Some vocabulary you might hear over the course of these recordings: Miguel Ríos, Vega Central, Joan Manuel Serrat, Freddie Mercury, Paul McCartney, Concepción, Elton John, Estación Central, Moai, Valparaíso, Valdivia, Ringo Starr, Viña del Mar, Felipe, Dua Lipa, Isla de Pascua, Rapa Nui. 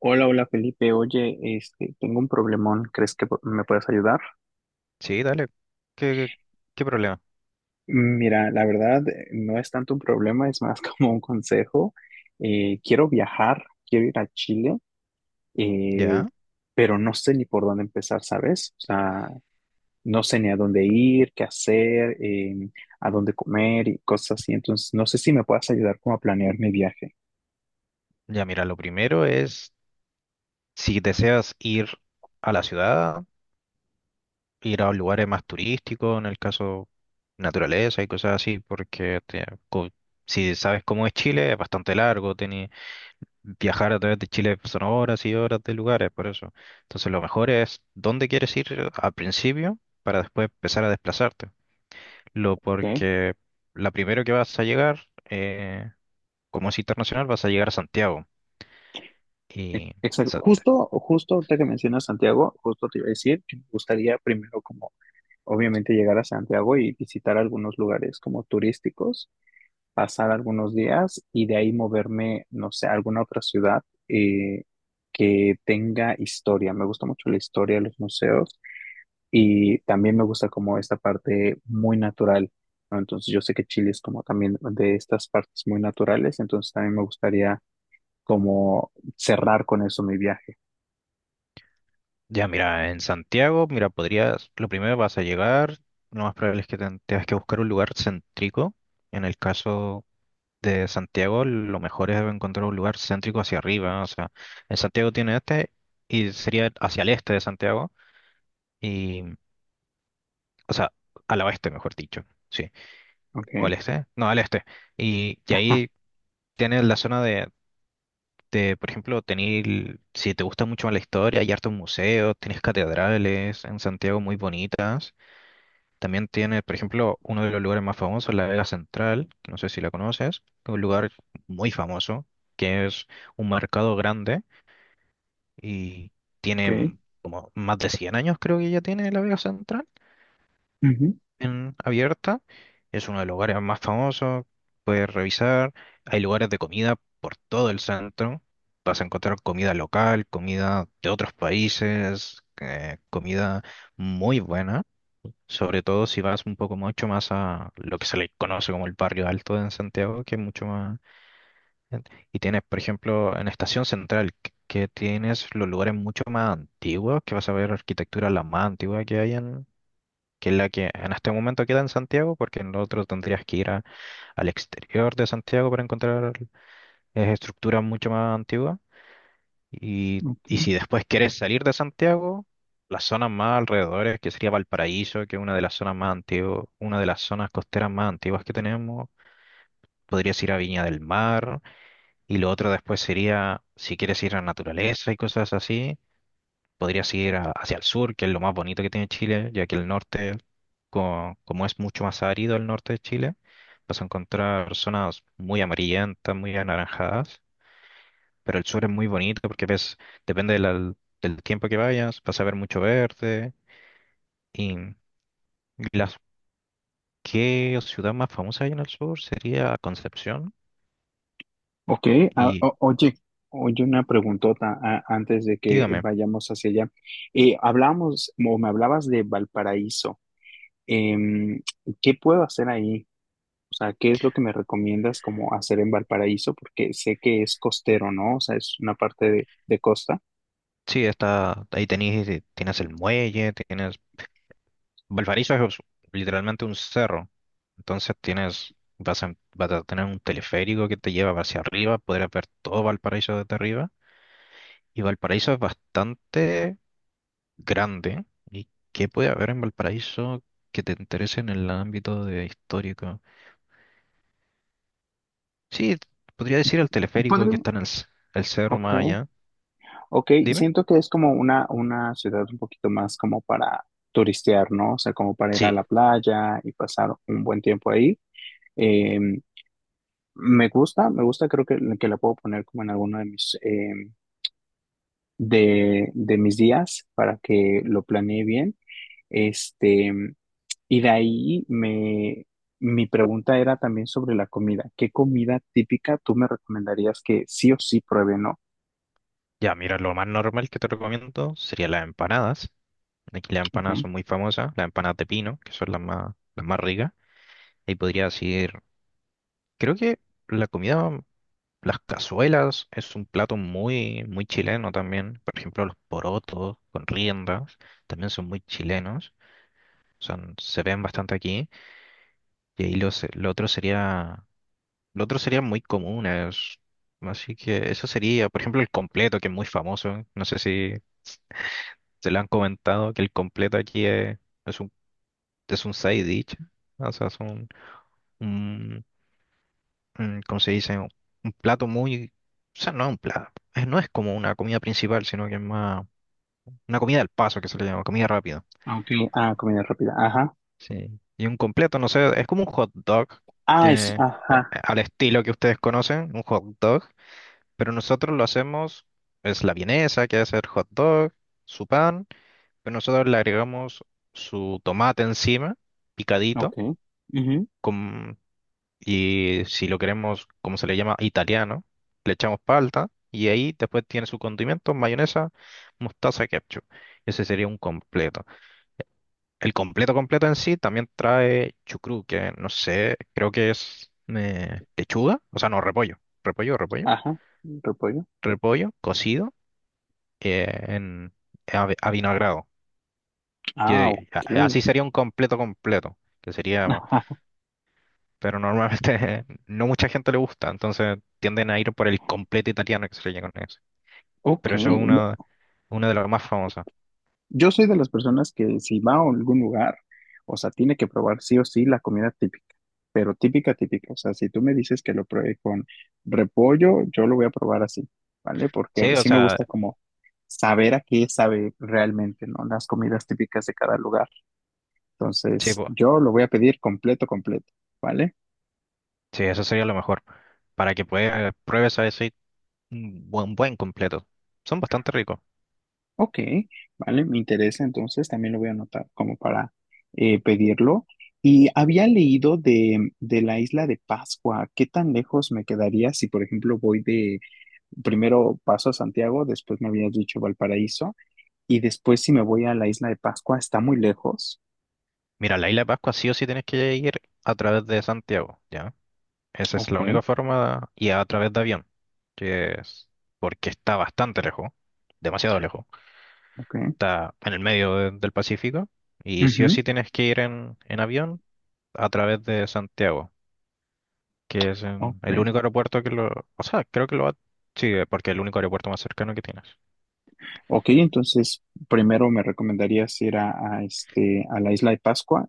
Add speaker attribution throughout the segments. Speaker 1: Hola, hola Felipe. Oye, tengo un problemón. ¿Crees que me puedes ayudar?
Speaker 2: Sí, dale. ¿Qué, qué problema?
Speaker 1: Mira, la verdad no es tanto un problema, es más como un consejo. Quiero viajar, quiero ir a Chile, eh,
Speaker 2: Ya,
Speaker 1: pero no sé ni por dónde empezar, ¿sabes? O sea, no sé ni a dónde ir, qué hacer, a dónde comer y cosas así. Entonces, no sé si me puedas ayudar como a planear mi viaje.
Speaker 2: ya, mira, lo primero es si deseas ir a la ciudad, ir a lugares más turísticos, en el caso naturaleza y cosas así, porque si sabes cómo es Chile, es bastante largo, viajar a través de Chile son horas y horas de lugares, por eso. Entonces lo mejor es dónde quieres ir al principio para después empezar a desplazarte. Lo
Speaker 1: ¿Ok?
Speaker 2: porque la primero que vas a llegar, como es internacional, vas a llegar a Santiago. Y, o
Speaker 1: Exacto. Justo ahorita que mencionas Santiago, justo te iba a decir que me gustaría primero como obviamente llegar a Santiago y visitar algunos lugares como turísticos, pasar algunos días y de ahí moverme, no sé, a alguna otra ciudad eh, que tenga historia. Me gusta mucho la historia, los museos y también me gusta como esta parte muy natural, ¿no? Entonces yo sé que Chile es como también de estas partes muy naturales, entonces también me gustaría como cerrar con eso mi viaje.
Speaker 2: ya mira, en Santiago, mira, podrías, lo primero vas a llegar, lo más probable es que tengas que buscar un lugar céntrico. En el caso de Santiago, lo mejor es encontrar un lugar céntrico hacia arriba. O sea, en Santiago tiene este y sería hacia el este de Santiago. Y, o sea, al oeste, mejor dicho. Sí. O
Speaker 1: ¿Ok?
Speaker 2: al este. No, al este. Y
Speaker 1: Ajá.
Speaker 2: ahí tienes la zona de por ejemplo, tener si te gusta mucho la historia, hay hartos museos, tienes catedrales en Santiago muy bonitas. También tiene, por ejemplo, uno de los lugares más famosos, la Vega Central, que no sé si la conoces, que es un lugar muy famoso, que es un mercado grande y tiene
Speaker 1: Ok.
Speaker 2: como más de 100 años, creo que ya tiene la Vega Central
Speaker 1: Ujú,
Speaker 2: abierta. Es uno de los lugares más famosos. Puedes revisar. Hay lugares de comida por todo el centro. Vas a encontrar comida local, comida de otros países, comida muy buena. Sobre todo si vas un poco mucho más a lo que se le conoce como el barrio alto en Santiago, que es mucho más... Y tienes, por ejemplo, en Estación Central, que tienes los lugares mucho más antiguos, que vas a ver arquitectura la más antigua que hay que es la que en este momento queda en Santiago, porque en lo otro tendrías que al exterior de Santiago para encontrar estructuras mucho más antiguas. Y
Speaker 1: ok.
Speaker 2: si después quieres salir de Santiago, las zonas más alrededores, que sería Valparaíso, que es una de las zonas más antiguas, una de las zonas costeras más antiguas que tenemos, podrías ir a Viña del Mar. Y lo otro después sería, si quieres ir a naturaleza y cosas así. Podrías hacia el sur, que es lo más bonito que tiene Chile, ya que el norte, como, es mucho más árido el norte de Chile, vas a encontrar zonas muy amarillentas, muy anaranjadas, pero el sur es muy bonito porque ves, depende de del tiempo que vayas, vas a ver mucho verde. Y las, ¿qué ciudad más famosa hay en el sur? Sería Concepción.
Speaker 1: Ok,
Speaker 2: Y
Speaker 1: oye, oye una preguntota antes de que
Speaker 2: dígame,
Speaker 1: vayamos hacia allá. Hablamos, o me hablabas de Valparaíso. Em, ¿Qué puedo hacer ahí? O sea, ¿qué es lo que me recomiendas como hacer en Valparaíso? Porque sé que es costero, ¿no? O sea, es una parte de costa.
Speaker 2: sí, está, ahí tenés, tienes el muelle, tienes Valparaíso es literalmente un cerro, entonces tienes, vas a, vas a tener un teleférico que te lleva hacia arriba, podrás ver todo Valparaíso desde arriba. Y Valparaíso es bastante grande. ¿Y qué puede haber en Valparaíso que te interese en el ámbito de histórico? Sí, podría decir el teleférico que
Speaker 1: Podré-
Speaker 2: está en el cerro
Speaker 1: Ok,
Speaker 2: más allá.
Speaker 1: ok,
Speaker 2: Dime.
Speaker 1: siento que es como una ciudad un poquito más como para turistear, ¿no? O sea, como para ir a
Speaker 2: Sí,
Speaker 1: la playa y pasar un buen tiempo ahí. Em, me gusta, creo que la puedo poner como en alguno de mis días para que lo planee bien. Este, y de ahí mi pregunta era también sobre la comida. ¿Qué comida típica tú me recomendarías que sí o sí pruebe, no?
Speaker 2: ya mira, lo más normal que te recomiendo serían las empanadas. Aquí las empanadas
Speaker 1: Okay.
Speaker 2: son muy famosas, las empanadas de pino, que son las más ricas. Ahí podría decir, creo que la comida, las cazuelas, es un plato muy, muy chileno también. Por ejemplo, los porotos con riendas también son muy chilenos. Son, se ven bastante aquí. Y ahí lo otro sería muy común. Así que eso sería, por ejemplo, el completo, que es muy famoso. No sé si se lo han comentado, que el completo aquí es un, es un side dish. O sea, es un, ¿cómo se dice? Un plato muy, o sea, no es un plato, no es como una comida principal, sino que es más una comida al paso que se le llama, comida rápida.
Speaker 1: Ah, ok. Ah, comida rápida. Ajá.
Speaker 2: Sí. Y un completo, no sé, es como un hot dog,
Speaker 1: Ah, es,
Speaker 2: que
Speaker 1: ajá.
Speaker 2: al estilo que ustedes conocen, un hot dog, pero nosotros lo hacemos, es la vienesa, que es el hot dog, su pan, pero nosotros le agregamos su tomate encima,
Speaker 1: Ok.
Speaker 2: picadito,
Speaker 1: Ujú.
Speaker 2: con. Y si lo queremos, como se le llama, italiano, le echamos palta y ahí después tiene su condimento, mayonesa, mostaza, ketchup. Ese sería un completo. El completo completo en sí también trae chucrú, que no sé, creo que es lechuga, o sea, no, repollo,
Speaker 1: Ajá. Repollo.
Speaker 2: repollo cocido en a vinagrado.
Speaker 1: Ah,
Speaker 2: Que,
Speaker 1: ok.
Speaker 2: así sería un completo completo, que sería pero normalmente no mucha gente le gusta, entonces tienden a ir por el completo italiano que se le llama con eso.
Speaker 1: Ok.
Speaker 2: Pero eso es uno, uno de los más famosos.
Speaker 1: Yo soy de las personas que si va a algún lugar, o sea, tiene que probar sí o sí la comida típica, pero típica, típica. O sea, si tú me dices que lo pruebe con repollo, yo lo voy a probar así, ¿vale? Porque a
Speaker 2: Sí,
Speaker 1: mí
Speaker 2: o
Speaker 1: sí me
Speaker 2: sea,
Speaker 1: gusta como saber a qué sabe realmente, ¿no? Las comidas típicas de cada lugar.
Speaker 2: sí,
Speaker 1: Entonces,
Speaker 2: po-
Speaker 1: yo lo voy a pedir completo, completo, ¿vale?
Speaker 2: sí, eso sería lo mejor, para que puedas, pruebes a decir un buen, buen completo. Son bastante ricos.
Speaker 1: Ok, vale, me interesa, entonces también lo voy a anotar como para pedirlo. Y había leído de la isla de Pascua. ¿Qué tan lejos me quedaría si, por ejemplo, voy de, primero paso a Santiago, después me habías dicho Valparaíso, y después si me voy a la isla de Pascua, ¿está muy lejos?
Speaker 2: Mira, la isla de Pascua sí o sí tienes que ir a través de Santiago, ¿ya? Esa es
Speaker 1: Ok,
Speaker 2: la única forma, y a través de avión, que es porque está bastante lejos, demasiado lejos.
Speaker 1: ok,
Speaker 2: Está en el medio del Pacífico y sí o
Speaker 1: ujú,
Speaker 2: sí tienes que ir en avión a través de Santiago, que es el
Speaker 1: ok.
Speaker 2: único aeropuerto que lo... O sea, creo que lo va... Sí, porque es el único aeropuerto más cercano que tienes. O
Speaker 1: Ok, entonces primero me recomendarías ir a la isla de Pascua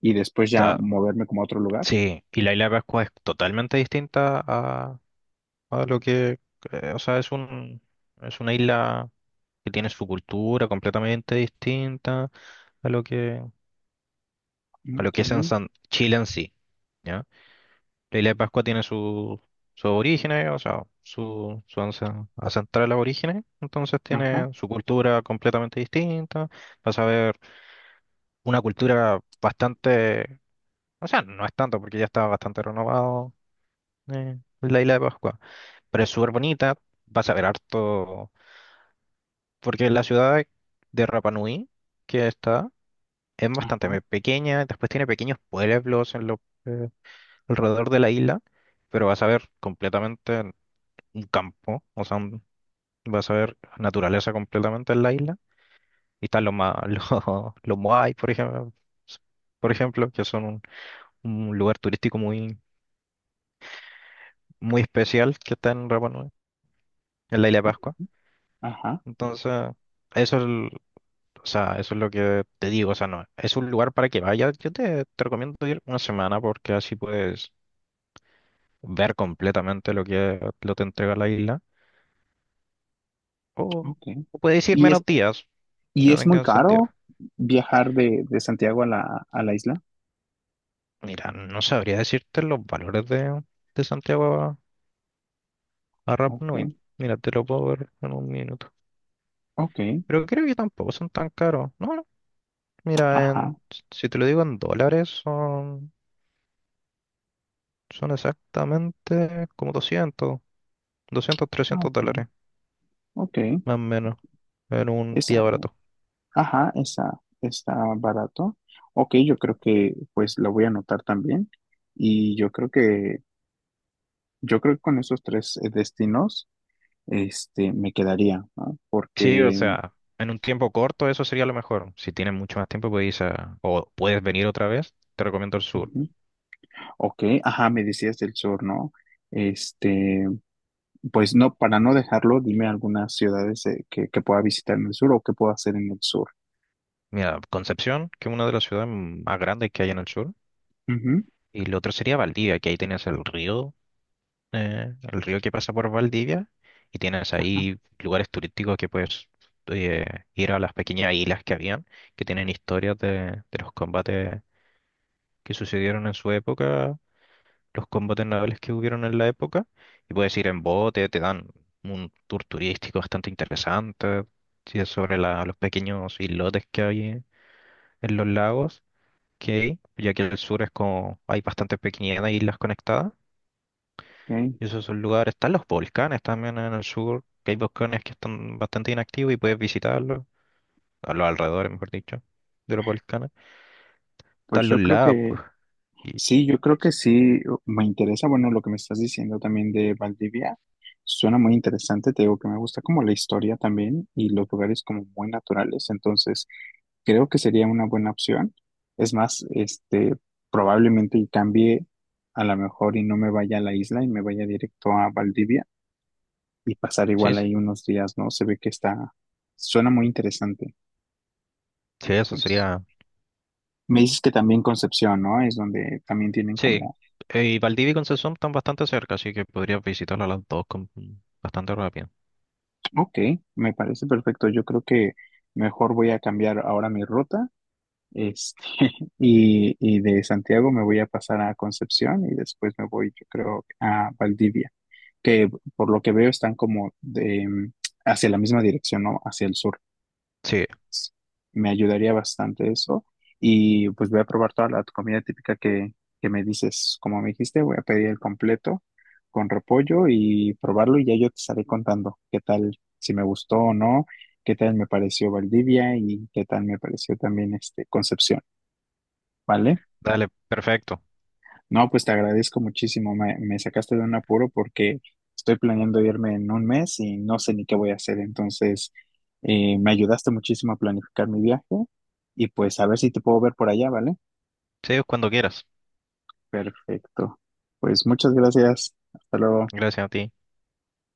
Speaker 1: y después ya
Speaker 2: sea,
Speaker 1: moverme como a otro lugar.
Speaker 2: sí, y la isla de Pascua es totalmente distinta a lo que... o sea, es un, es una isla que tiene su cultura completamente distinta a lo que, a lo
Speaker 1: Ok,
Speaker 2: que es en Chile en sí. La isla de Pascua tiene su, sus orígenes, o sea, su ancestrales orígenes, entonces
Speaker 1: ajá.
Speaker 2: tiene su cultura completamente distinta. Vas a ver una cultura bastante, o sea, no es tanto porque ya está bastante renovado la isla de Pascua, pero es súper bonita. Vas a ver harto, porque la ciudad de Rapa Nui que está es bastante
Speaker 1: Ajá.
Speaker 2: pequeña, después tiene pequeños pueblos en lo, eh, alrededor de la isla, pero vas a ver completamente un campo, o sea, vas a ver naturaleza completamente en la isla. Y están los, los Moai, por ejemplo, que son un lugar turístico muy, muy especial que está en Rapa Nui, en la isla de
Speaker 1: Ok,
Speaker 2: Pascua.
Speaker 1: Ajá,
Speaker 2: Entonces, eso es, o sea, eso es lo que te digo, o sea, no, es un lugar para que vayas. Yo te, te recomiendo ir una semana porque así puedes ver completamente lo que lo te entrega la isla. O,
Speaker 1: ok.
Speaker 2: o puedes ir
Speaker 1: ¿Y es,
Speaker 2: menos días,
Speaker 1: y
Speaker 2: no
Speaker 1: es muy
Speaker 2: tenga sentido.
Speaker 1: caro viajar de Santiago a la isla?
Speaker 2: Mira, no sabría decirte los valores de Santiago a Rap Nui.
Speaker 1: Ok,
Speaker 2: Mira, te lo puedo ver en un minuto.
Speaker 1: ok,
Speaker 2: Pero creo que tampoco son tan caros. No, no. Mira, en,
Speaker 1: ajá,
Speaker 2: si te lo digo en dólares, son, son exactamente como 200, 200,
Speaker 1: ah,
Speaker 2: 300
Speaker 1: ok,
Speaker 2: dólares,
Speaker 1: ok.
Speaker 2: más o menos, en un
Speaker 1: Esa,
Speaker 2: día barato.
Speaker 1: ajá, esa está barato. Ok, yo creo que pues la voy a anotar también. Y yo creo que, yo creo que con esos tres destinos, me quedaría, ¿no?
Speaker 2: Sí, o
Speaker 1: Porque,
Speaker 2: sea, en un tiempo corto eso sería lo mejor. Si tienes mucho más tiempo, puedes, o puedes venir otra vez, te recomiendo el sur.
Speaker 1: ujú, ok, ajá, me decías del sur, ¿no? Este, pues no, para no dejarlo, dime algunas ciudades que pueda visitar en el sur o que pueda hacer en el sur.
Speaker 2: Mira, Concepción, que es una de las ciudades más grandes que hay en el sur.
Speaker 1: Ujú.
Speaker 2: Y lo otro sería Valdivia, que ahí tienes el río que pasa por Valdivia, y tienes
Speaker 1: Ajá,
Speaker 2: ahí lugares turísticos que puedes eh, ir a las pequeñas islas que habían, que tienen historias de los combates que sucedieron en su época, los combates navales que hubieron en la época, y puedes ir en bote, te dan un tour turístico bastante interesante, sí, es sobre los pequeños islotes que hay en los lagos, que hay, ya que el sur es como hay bastantes pequeñas islas conectadas.
Speaker 1: ok.
Speaker 2: Y esos son lugares, están los volcanes también en el sur, que hay volcanes que están bastante inactivos y puedes visitarlos, a los alrededores, mejor dicho, de los volcanes.
Speaker 1: Pues
Speaker 2: Están los
Speaker 1: yo creo
Speaker 2: lagos,
Speaker 1: que
Speaker 2: pues, y
Speaker 1: sí, yo creo que
Speaker 2: s-
Speaker 1: sí me interesa, bueno, lo que me estás diciendo también de Valdivia. Suena muy interesante, te digo que me gusta como la historia también y los lugares como muy naturales, entonces creo que sería una buena opción. Es más, probablemente y cambie a lo mejor y no me vaya a la isla y me vaya directo a Valdivia y pasar
Speaker 2: sí,
Speaker 1: igual ahí unos días, ¿no? Se ve que está, suena muy interesante.
Speaker 2: sí, eso
Speaker 1: Entonces,
Speaker 2: sería.
Speaker 1: me dices que también Concepción, ¿no? Es donde también tienen
Speaker 2: Sí,
Speaker 1: como,
Speaker 2: y Valdivia y Concepción están bastante cerca, así que podrías visitarlas las dos con, bastante rápido.
Speaker 1: ok, me parece perfecto. Yo creo que mejor voy a cambiar ahora mi ruta, este, y de Santiago me voy a pasar a Concepción y después me voy, yo creo, a Valdivia, que por lo que veo están como de, hacia la misma dirección, ¿no? Hacia el sur.
Speaker 2: Sí,
Speaker 1: Me ayudaría bastante eso. Y pues voy a probar toda la comida típica que me dices. Como me dijiste, voy a pedir el completo con repollo y probarlo y ya yo te estaré contando qué tal, si me gustó o no, qué tal me pareció Valdivia y qué tal me pareció también este Concepción, ¿vale?
Speaker 2: dale, perfecto.
Speaker 1: No, pues te agradezco muchísimo. Me sacaste de un apuro porque estoy planeando irme en 1 mes y no sé ni qué voy a hacer. Entonces, me ayudaste muchísimo a planificar mi viaje y pues a ver si te puedo ver por allá, ¿vale?
Speaker 2: Sí, cuando quieras.
Speaker 1: Perfecto. Pues muchas gracias. Hasta luego.
Speaker 2: Gracias a ti.